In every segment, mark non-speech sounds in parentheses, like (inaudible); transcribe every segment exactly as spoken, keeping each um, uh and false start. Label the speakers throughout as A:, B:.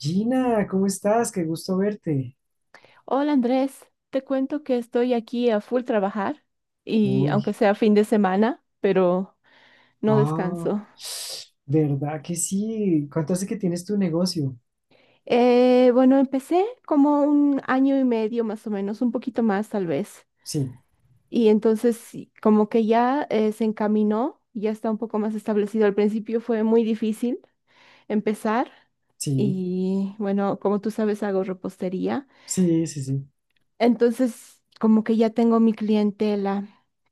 A: Gina, ¿cómo estás? Qué gusto verte.
B: Hola Andrés, te cuento que estoy aquí a full trabajar y aunque
A: Uy,
B: sea fin de semana, pero no
A: ah,
B: descanso.
A: ¿verdad que sí? ¿Cuánto hace que tienes tu negocio?
B: Eh, bueno, empecé como un año y medio más o menos, un poquito más tal vez.
A: Sí,
B: Y entonces sí, como que ya eh, se encaminó, ya está un poco más establecido. Al principio fue muy difícil empezar
A: sí,
B: y bueno, como tú sabes, hago repostería.
A: sí, sí, sí.
B: Entonces, como que ya tengo mi clientela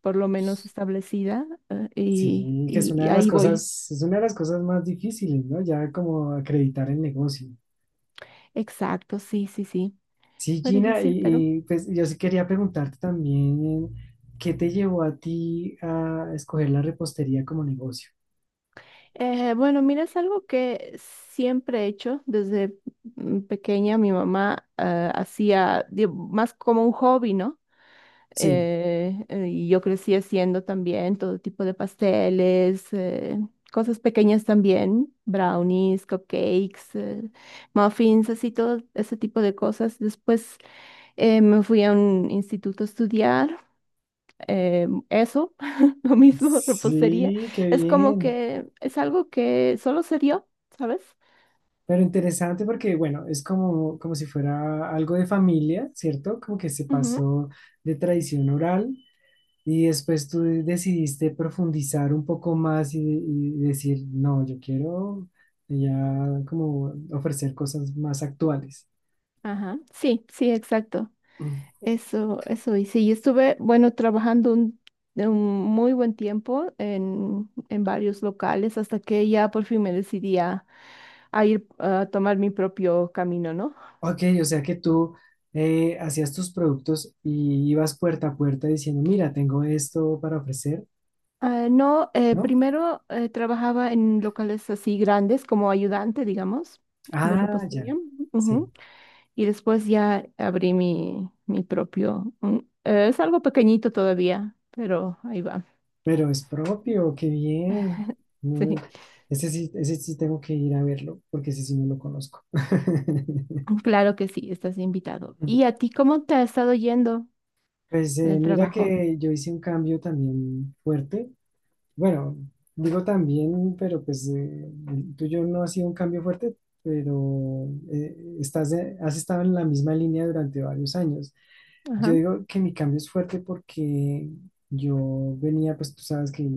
B: por lo menos establecida eh, y,
A: Sí, que es
B: y-
A: una
B: y
A: de las
B: ahí voy.
A: cosas, es una de las cosas más difíciles, ¿no? Ya como acreditar el negocio.
B: Exacto, sí, sí, sí.
A: Sí,
B: Fue
A: Gina,
B: difícil, pero
A: y, y, pues yo sí quería preguntarte también, ¿qué te llevó a ti a escoger la repostería como negocio?
B: eh, bueno, mira, es algo que siempre he hecho desde mm, pequeña. Mi mamá eh, hacía di- más como un hobby, ¿no?
A: Sí,
B: eh, eh, y yo crecí haciendo también todo tipo de pasteles, eh, cosas pequeñas también, brownies, cupcakes, eh, muffins, así todo ese tipo de cosas. Después eh, me fui a un instituto a estudiar eh, eso, (laughs) lo mismo, repostería.
A: sí, qué
B: Es como
A: bien.
B: que es algo que solo se dio, ¿sabes?
A: Pero interesante porque, bueno, es como, como si fuera algo de familia, ¿cierto? Como que se
B: Ujú.
A: pasó de tradición oral y después tú decidiste profundizar un poco más y, y decir, no, yo quiero ya como ofrecer cosas más actuales.
B: Ajá, sí, sí, exacto.
A: Mm.
B: Eso, eso hice. Y estuve, bueno, trabajando un, de un muy buen tiempo en, en varios locales hasta que ya por fin me decidí a, a ir a tomar mi propio camino, ¿no?
A: Ok, o sea que tú eh, hacías tus productos y ibas puerta a puerta diciendo, mira, tengo esto para ofrecer,
B: Ah, no, eh,
A: ¿no?
B: primero eh, trabajaba en locales así grandes como ayudante, digamos, de
A: Ah, ya,
B: repostería.
A: sí.
B: Ujú. Y después ya abrí mi, mi propio. Mm, eh, es algo pequeñito todavía, pero ahí va.
A: Pero es propio, qué bien.
B: (laughs)
A: No,
B: Sí.
A: ese sí, ese sí tengo que ir a verlo, porque ese sí no lo conozco. (laughs)
B: Claro que sí, estás invitado. ¿Y a ti cómo te ha estado yendo
A: Pues
B: en
A: eh,
B: el
A: mira
B: trabajo?
A: que yo hice un cambio también fuerte. Bueno, digo también, pero pues eh, el tuyo no ha sido un cambio fuerte, pero eh, estás, eh, has estado en la misma línea durante varios años. Yo
B: Ajá,
A: digo que mi cambio es fuerte porque yo venía, pues tú sabes que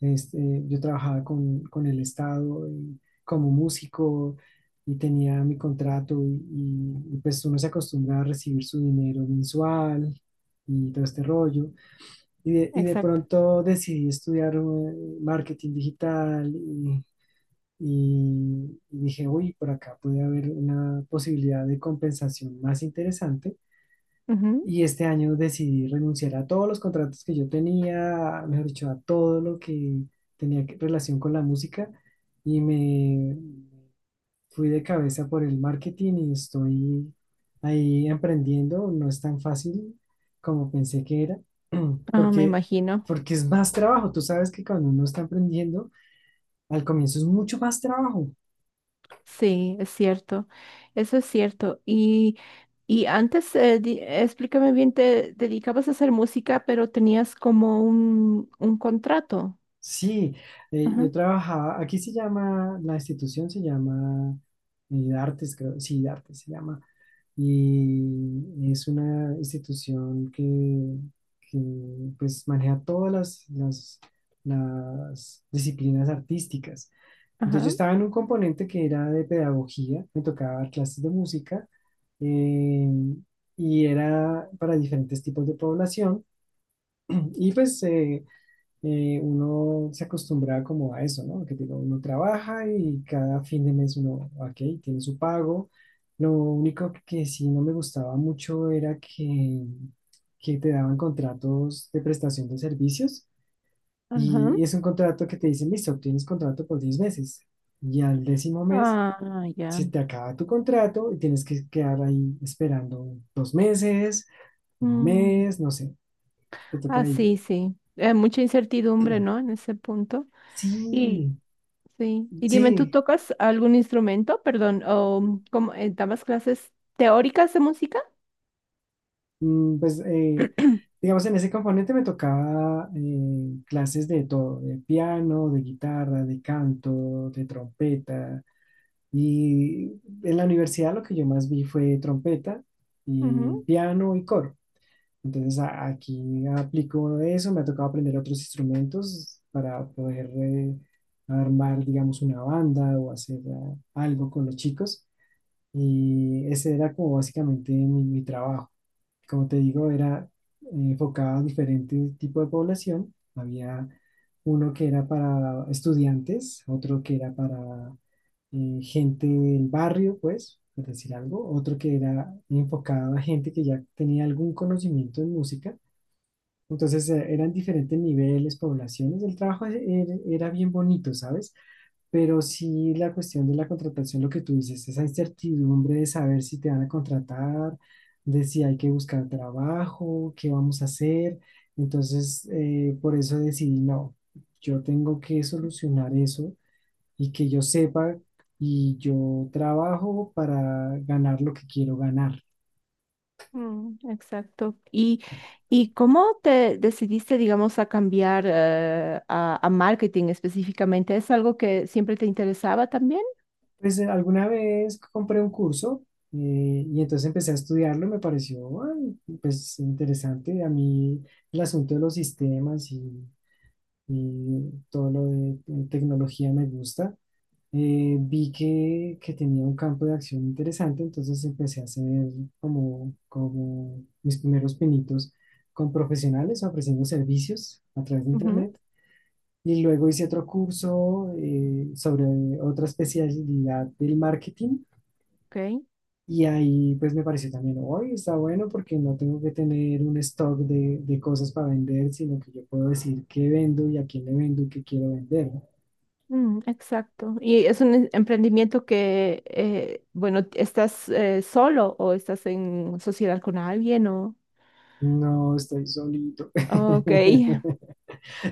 A: este, yo trabajaba con, con el Estado y como músico y tenía mi contrato y, y, pues uno se acostumbra a recibir su dinero mensual y todo este rollo. Y de, y de
B: exacto.
A: pronto decidí estudiar eh, marketing digital y, y y dije, uy, por acá puede haber una posibilidad de compensación más interesante
B: Ujú.
A: y este año decidí renunciar a todos los contratos que yo tenía, mejor dicho, a todo lo que tenía que- relación con la música y me fui de cabeza por el marketing y estoy ahí emprendiendo. No es tan fácil como pensé que era, (clears throat)
B: Ah, me
A: porque,
B: imagino.
A: porque es más trabajo. Tú sabes que cuando uno está emprendiendo, al comienzo es mucho más trabajo.
B: Sí, es cierto. Eso es cierto. Y, y antes, eh, di- explícame bien, te dedicabas a hacer música, pero tenías como un, un contrato.
A: Sí, eh,
B: Ajá,
A: yo trabajaba, aquí se llama, la institución se llama eh, Artes, creo, sí, Artes se llama, y es una institución que, que, pues maneja todas las, las, las disciplinas artísticas. Entonces yo
B: ajá,
A: estaba en un componente que era de pedagogía, me tocaba dar clases de música, eh, y era para diferentes tipos de población, y pues eh, eh, uno se acostumbraba como a eso, ¿no? Que digo, uno trabaja y cada fin de mes uno, ok, tiene su pago. Lo único que sí no me gustaba mucho era que, que te daban contratos de prestación de servicios
B: ajá.
A: y es un contrato que te dicen, listo, tienes contrato por diez meses y al décimo mes
B: Ah, ya.
A: se te acaba tu contrato y tienes que quedar ahí esperando dos meses, un
B: Mm.
A: mes, no sé, te toca
B: Ah,
A: ahí.
B: sí, sí. Eh, mucha incertidumbre, ¿no?
A: (clears throat)
B: En ese punto. Y,
A: Sí,
B: sí. Y dime, ¿tú
A: sí,
B: tocas algún instrumento? Perdón, o ¿cómo, eh, dabas clases teóricas de música?
A: mm, pues, eh,
B: (clears throat)
A: digamos, en ese componente me tocaba eh, clases de todo, de piano, de guitarra, de canto, de trompeta. Y en la universidad lo que yo más vi fue trompeta y
B: Ujú.
A: piano y coro. Entonces, a- aquí aplico eso, me ha tocado aprender otros instrumentos para poder eh, armar, digamos, una banda o hacer eh, algo con los chicos. Y ese era como básicamente mi mi trabajo. Como te digo, era eh, enfocado a diferentes tipos de población. Había uno que era para estudiantes, otro que era para eh, gente del barrio, pues, por decir algo, otro que era enfocado a gente que ya tenía algún conocimiento en música. Entonces eh, eran diferentes niveles, poblaciones. El trabajo e- era, era bien bonito, ¿sabes? Pero sí la cuestión de la contratación, lo que tú dices, esa incertidumbre de saber si te van a contratar, de si hay que buscar trabajo, qué vamos a hacer. Entonces, eh, por eso decidí, no, yo tengo que solucionar eso y que yo sepa y yo trabajo para ganar lo que quiero ganar.
B: Mm, exacto. ¿Y, y cómo te decidiste, digamos, a cambiar eh, a, a marketing específicamente? ¿Es algo que siempre te interesaba también?
A: Pues eh, alguna vez compré un curso eh, y entonces empecé a estudiarlo, y me pareció, ay, pues interesante. A mí el asunto de los sistemas y y todo lo de eh, tecnología me gusta. Eh, vi que, que tenía un campo de acción interesante, entonces empecé a hacer como, como mis primeros pinitos con profesionales ofreciendo servicios a través de
B: Ujú,
A: internet. Y luego hice otro curso eh, sobre otra especialidad del marketing.
B: ok.
A: Y ahí pues me pareció también, hoy está bueno porque no tengo que tener un stock de, de cosas para vender, sino que yo puedo decir qué vendo y a quién le vendo y qué quiero vender, ¿no?
B: Mm, exacto. ¿Y es un em- emprendimiento que, eh, bueno, estás eh, solo o estás en sociedad con alguien o...
A: No, estoy solito.
B: Ah, ok.
A: (laughs)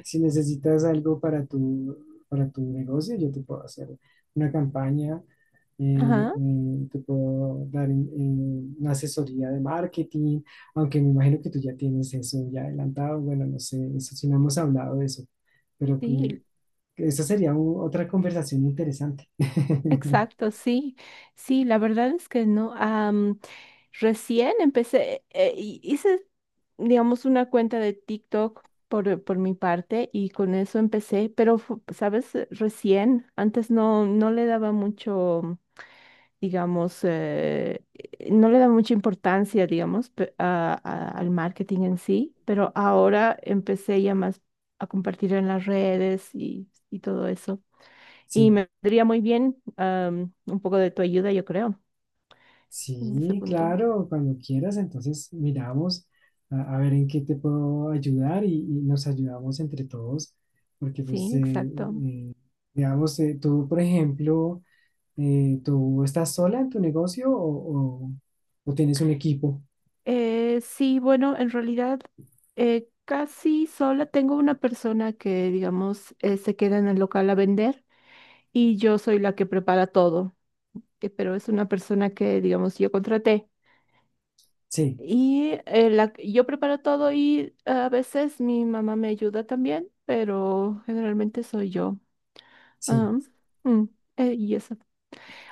A: Si necesitas algo para tu, para tu negocio, yo te puedo hacer una campaña, eh,
B: Ajá,
A: eh, te puedo dar eh, una asesoría de marketing, aunque me imagino que tú ya tienes eso ya adelantado. Bueno, no sé, eso sí no hemos hablado de eso, pero que,
B: sí.
A: que esa sería u- otra conversación interesante. (laughs)
B: Exacto, sí, sí, la verdad es que no. Am, recién empecé, eh, y hice, digamos, una cuenta de TikTok por, por mi parte y con eso empecé, pero, fu- ¿sabes? Eh, Recién, antes no, no le daba mucho, digamos, eh, eh, no le daba mucha importancia, digamos, pe- a- a- al marketing en sí, pero ahora empecé ya más a compartir en las redes y, y todo eso. Y
A: Sí.
B: me vendría muy bien am, un poco de tu ayuda, yo creo, en ese
A: Sí,
B: punto.
A: claro, cuando quieras, entonces miramos a, a ver en qué te puedo ayudar y, y nos ayudamos entre todos, porque
B: Sí,
A: pues, eh,
B: exacto.
A: eh, digamos, eh, tú, por ejemplo, eh, ¿tú estás sola en tu negocio o, o- o tienes un equipo?
B: Eh, sí, bueno, en realidad eh, casi sola. Tengo una persona que, digamos, eh, se queda en el local a vender y yo soy la que prepara todo, que- pero es una persona que, digamos, yo contraté.
A: Sí,
B: Y eh, la- yo preparo todo y a veces mi mamá me ayuda también, pero generalmente soy yo.
A: sí,
B: Ah, mm, eh, y eso.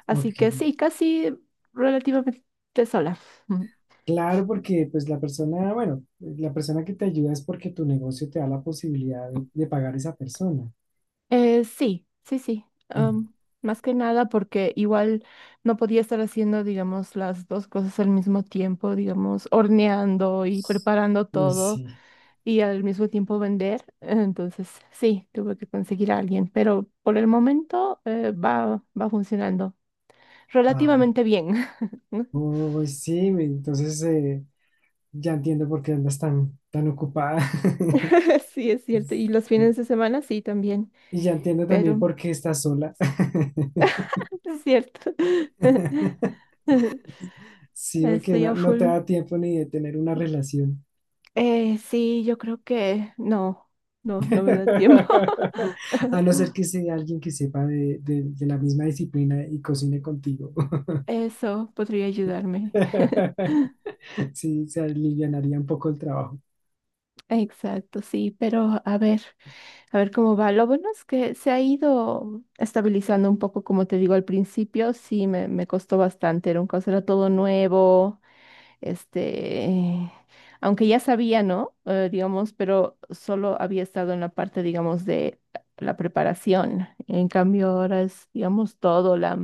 B: Así
A: ok.
B: que sí, casi relativamente sola. Mm.
A: Claro, porque pues la persona, bueno, la persona que te ayuda es porque tu negocio te da la posibilidad de, de pagar a esa persona.
B: Eh, sí, sí, sí.
A: (clears throat)
B: Am, más que nada porque igual no podía estar haciendo, digamos, las dos cosas al mismo tiempo, digamos, horneando y preparando
A: Pues
B: todo
A: sí.
B: y al mismo tiempo vender. Entonces, sí, tuve que conseguir a alguien, pero por el momento eh, va, va funcionando
A: Ah,
B: relativamente bien. (laughs)
A: uy, sí, me- entonces eh, ya entiendo por qué andas tan, tan ocupada. (laughs)
B: Sí, es cierto. Y los fines de semana sí también,
A: Y ya entiendo también
B: pero...
A: por qué estás sola. (laughs)
B: Es cierto. (laughs)
A: Sí, porque
B: Estoy
A: no,
B: a
A: no te
B: full.
A: da tiempo ni de tener una relación.
B: Eh, sí, yo creo que no, no, no me da tiempo.
A: (laughs)
B: (laughs)
A: A no ser que sea alguien que sepa de, de- de la misma disciplina y cocine contigo.
B: Eso podría ayudarme.
A: (laughs) Sí, se alivianaría un poco el trabajo.
B: Exacto, sí, pero a ver, a ver cómo va. Lo bueno es que se ha ido estabilizando un poco, como te digo al principio, sí, me, me costó bastante, era un caso, era todo nuevo. Este, aunque ya sabía, ¿no? Eh, digamos, pero solo había estado en la parte, digamos, de la preparación. En cambio, ahora es, digamos, todo la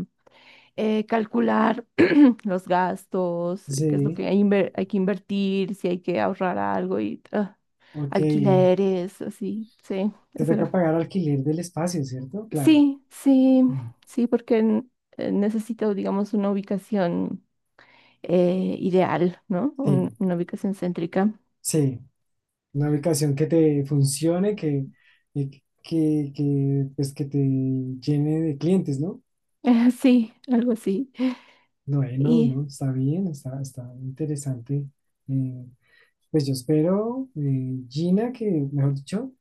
B: eh, calcular (clears throat) los gastos, eh, qué es lo
A: Sí,
B: que hay, inver- hay que invertir, si hay que ahorrar algo y ah,
A: ok.
B: alquileres, así, sí,
A: Te
B: es
A: toca
B: gra-
A: pagar alquiler del espacio, ¿cierto? Claro.
B: sí, sí,
A: Mm.
B: sí, porque n- eh, necesito, digamos, una ubicación eh, ideal, ¿no? Un-
A: Sí,
B: una ubicación céntrica.
A: sí. Una ubicación que te funcione, que, que, que, que, pues, que te llene de clientes, ¿no?
B: (laughs) Sí, algo así.
A: Bueno,
B: Y,
A: no, está bien, está, está interesante. Eh, pues yo espero, eh, Gina, que, mejor dicho,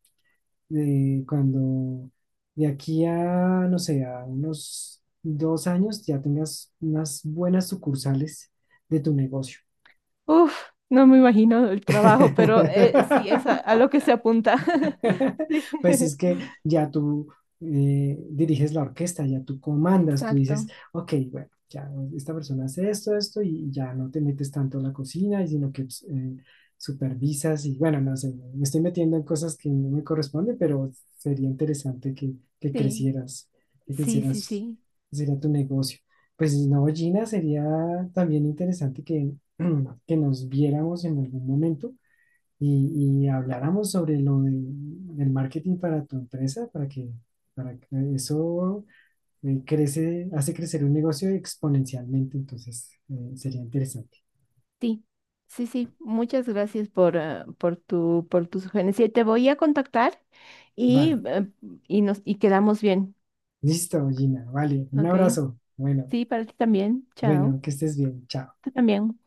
A: eh, cuando de aquí a, no sé, a unos dos años ya tengas unas buenas sucursales de tu negocio.
B: uff, no me imagino el trabajo, pero eh, sí, es a, a
A: (laughs)
B: lo que se apunta. (laughs)
A: (laughs)
B: Sí.
A: Pues es que
B: (laughs)
A: ya tú eh, diriges la orquesta, ya tú comandas, tú dices,
B: Exacto.
A: ok, bueno, ya esta persona hace esto, esto, y ya no te metes tanto en la cocina, sino que pues, eh, supervisas y bueno, no sé, me estoy metiendo en cosas que no me corresponden, pero sería interesante que, que
B: Sí,
A: crecieras, que
B: sí, sí,
A: crecieras,
B: sí,
A: sería tu negocio. Pues no, Gina, sería también interesante que, (clears throat) que nos viéramos en algún momento y, y habláramos sobre lo de, del marketing para tu empresa, para que, para que eso eh, crece, hace crecer un negocio exponencialmente, entonces eh, sería interesante.
B: sí. Sí, sí, muchas gracias por, ah, por tu, por tu sugerencia. Te voy a contactar y,
A: Vale,
B: eh, y nos, y quedamos bien.
A: listo, Gina, vale, un
B: Ok.
A: abrazo. Bueno,
B: Sí, para ti también. Chao.
A: bueno, que estés bien, chao.
B: Tú también.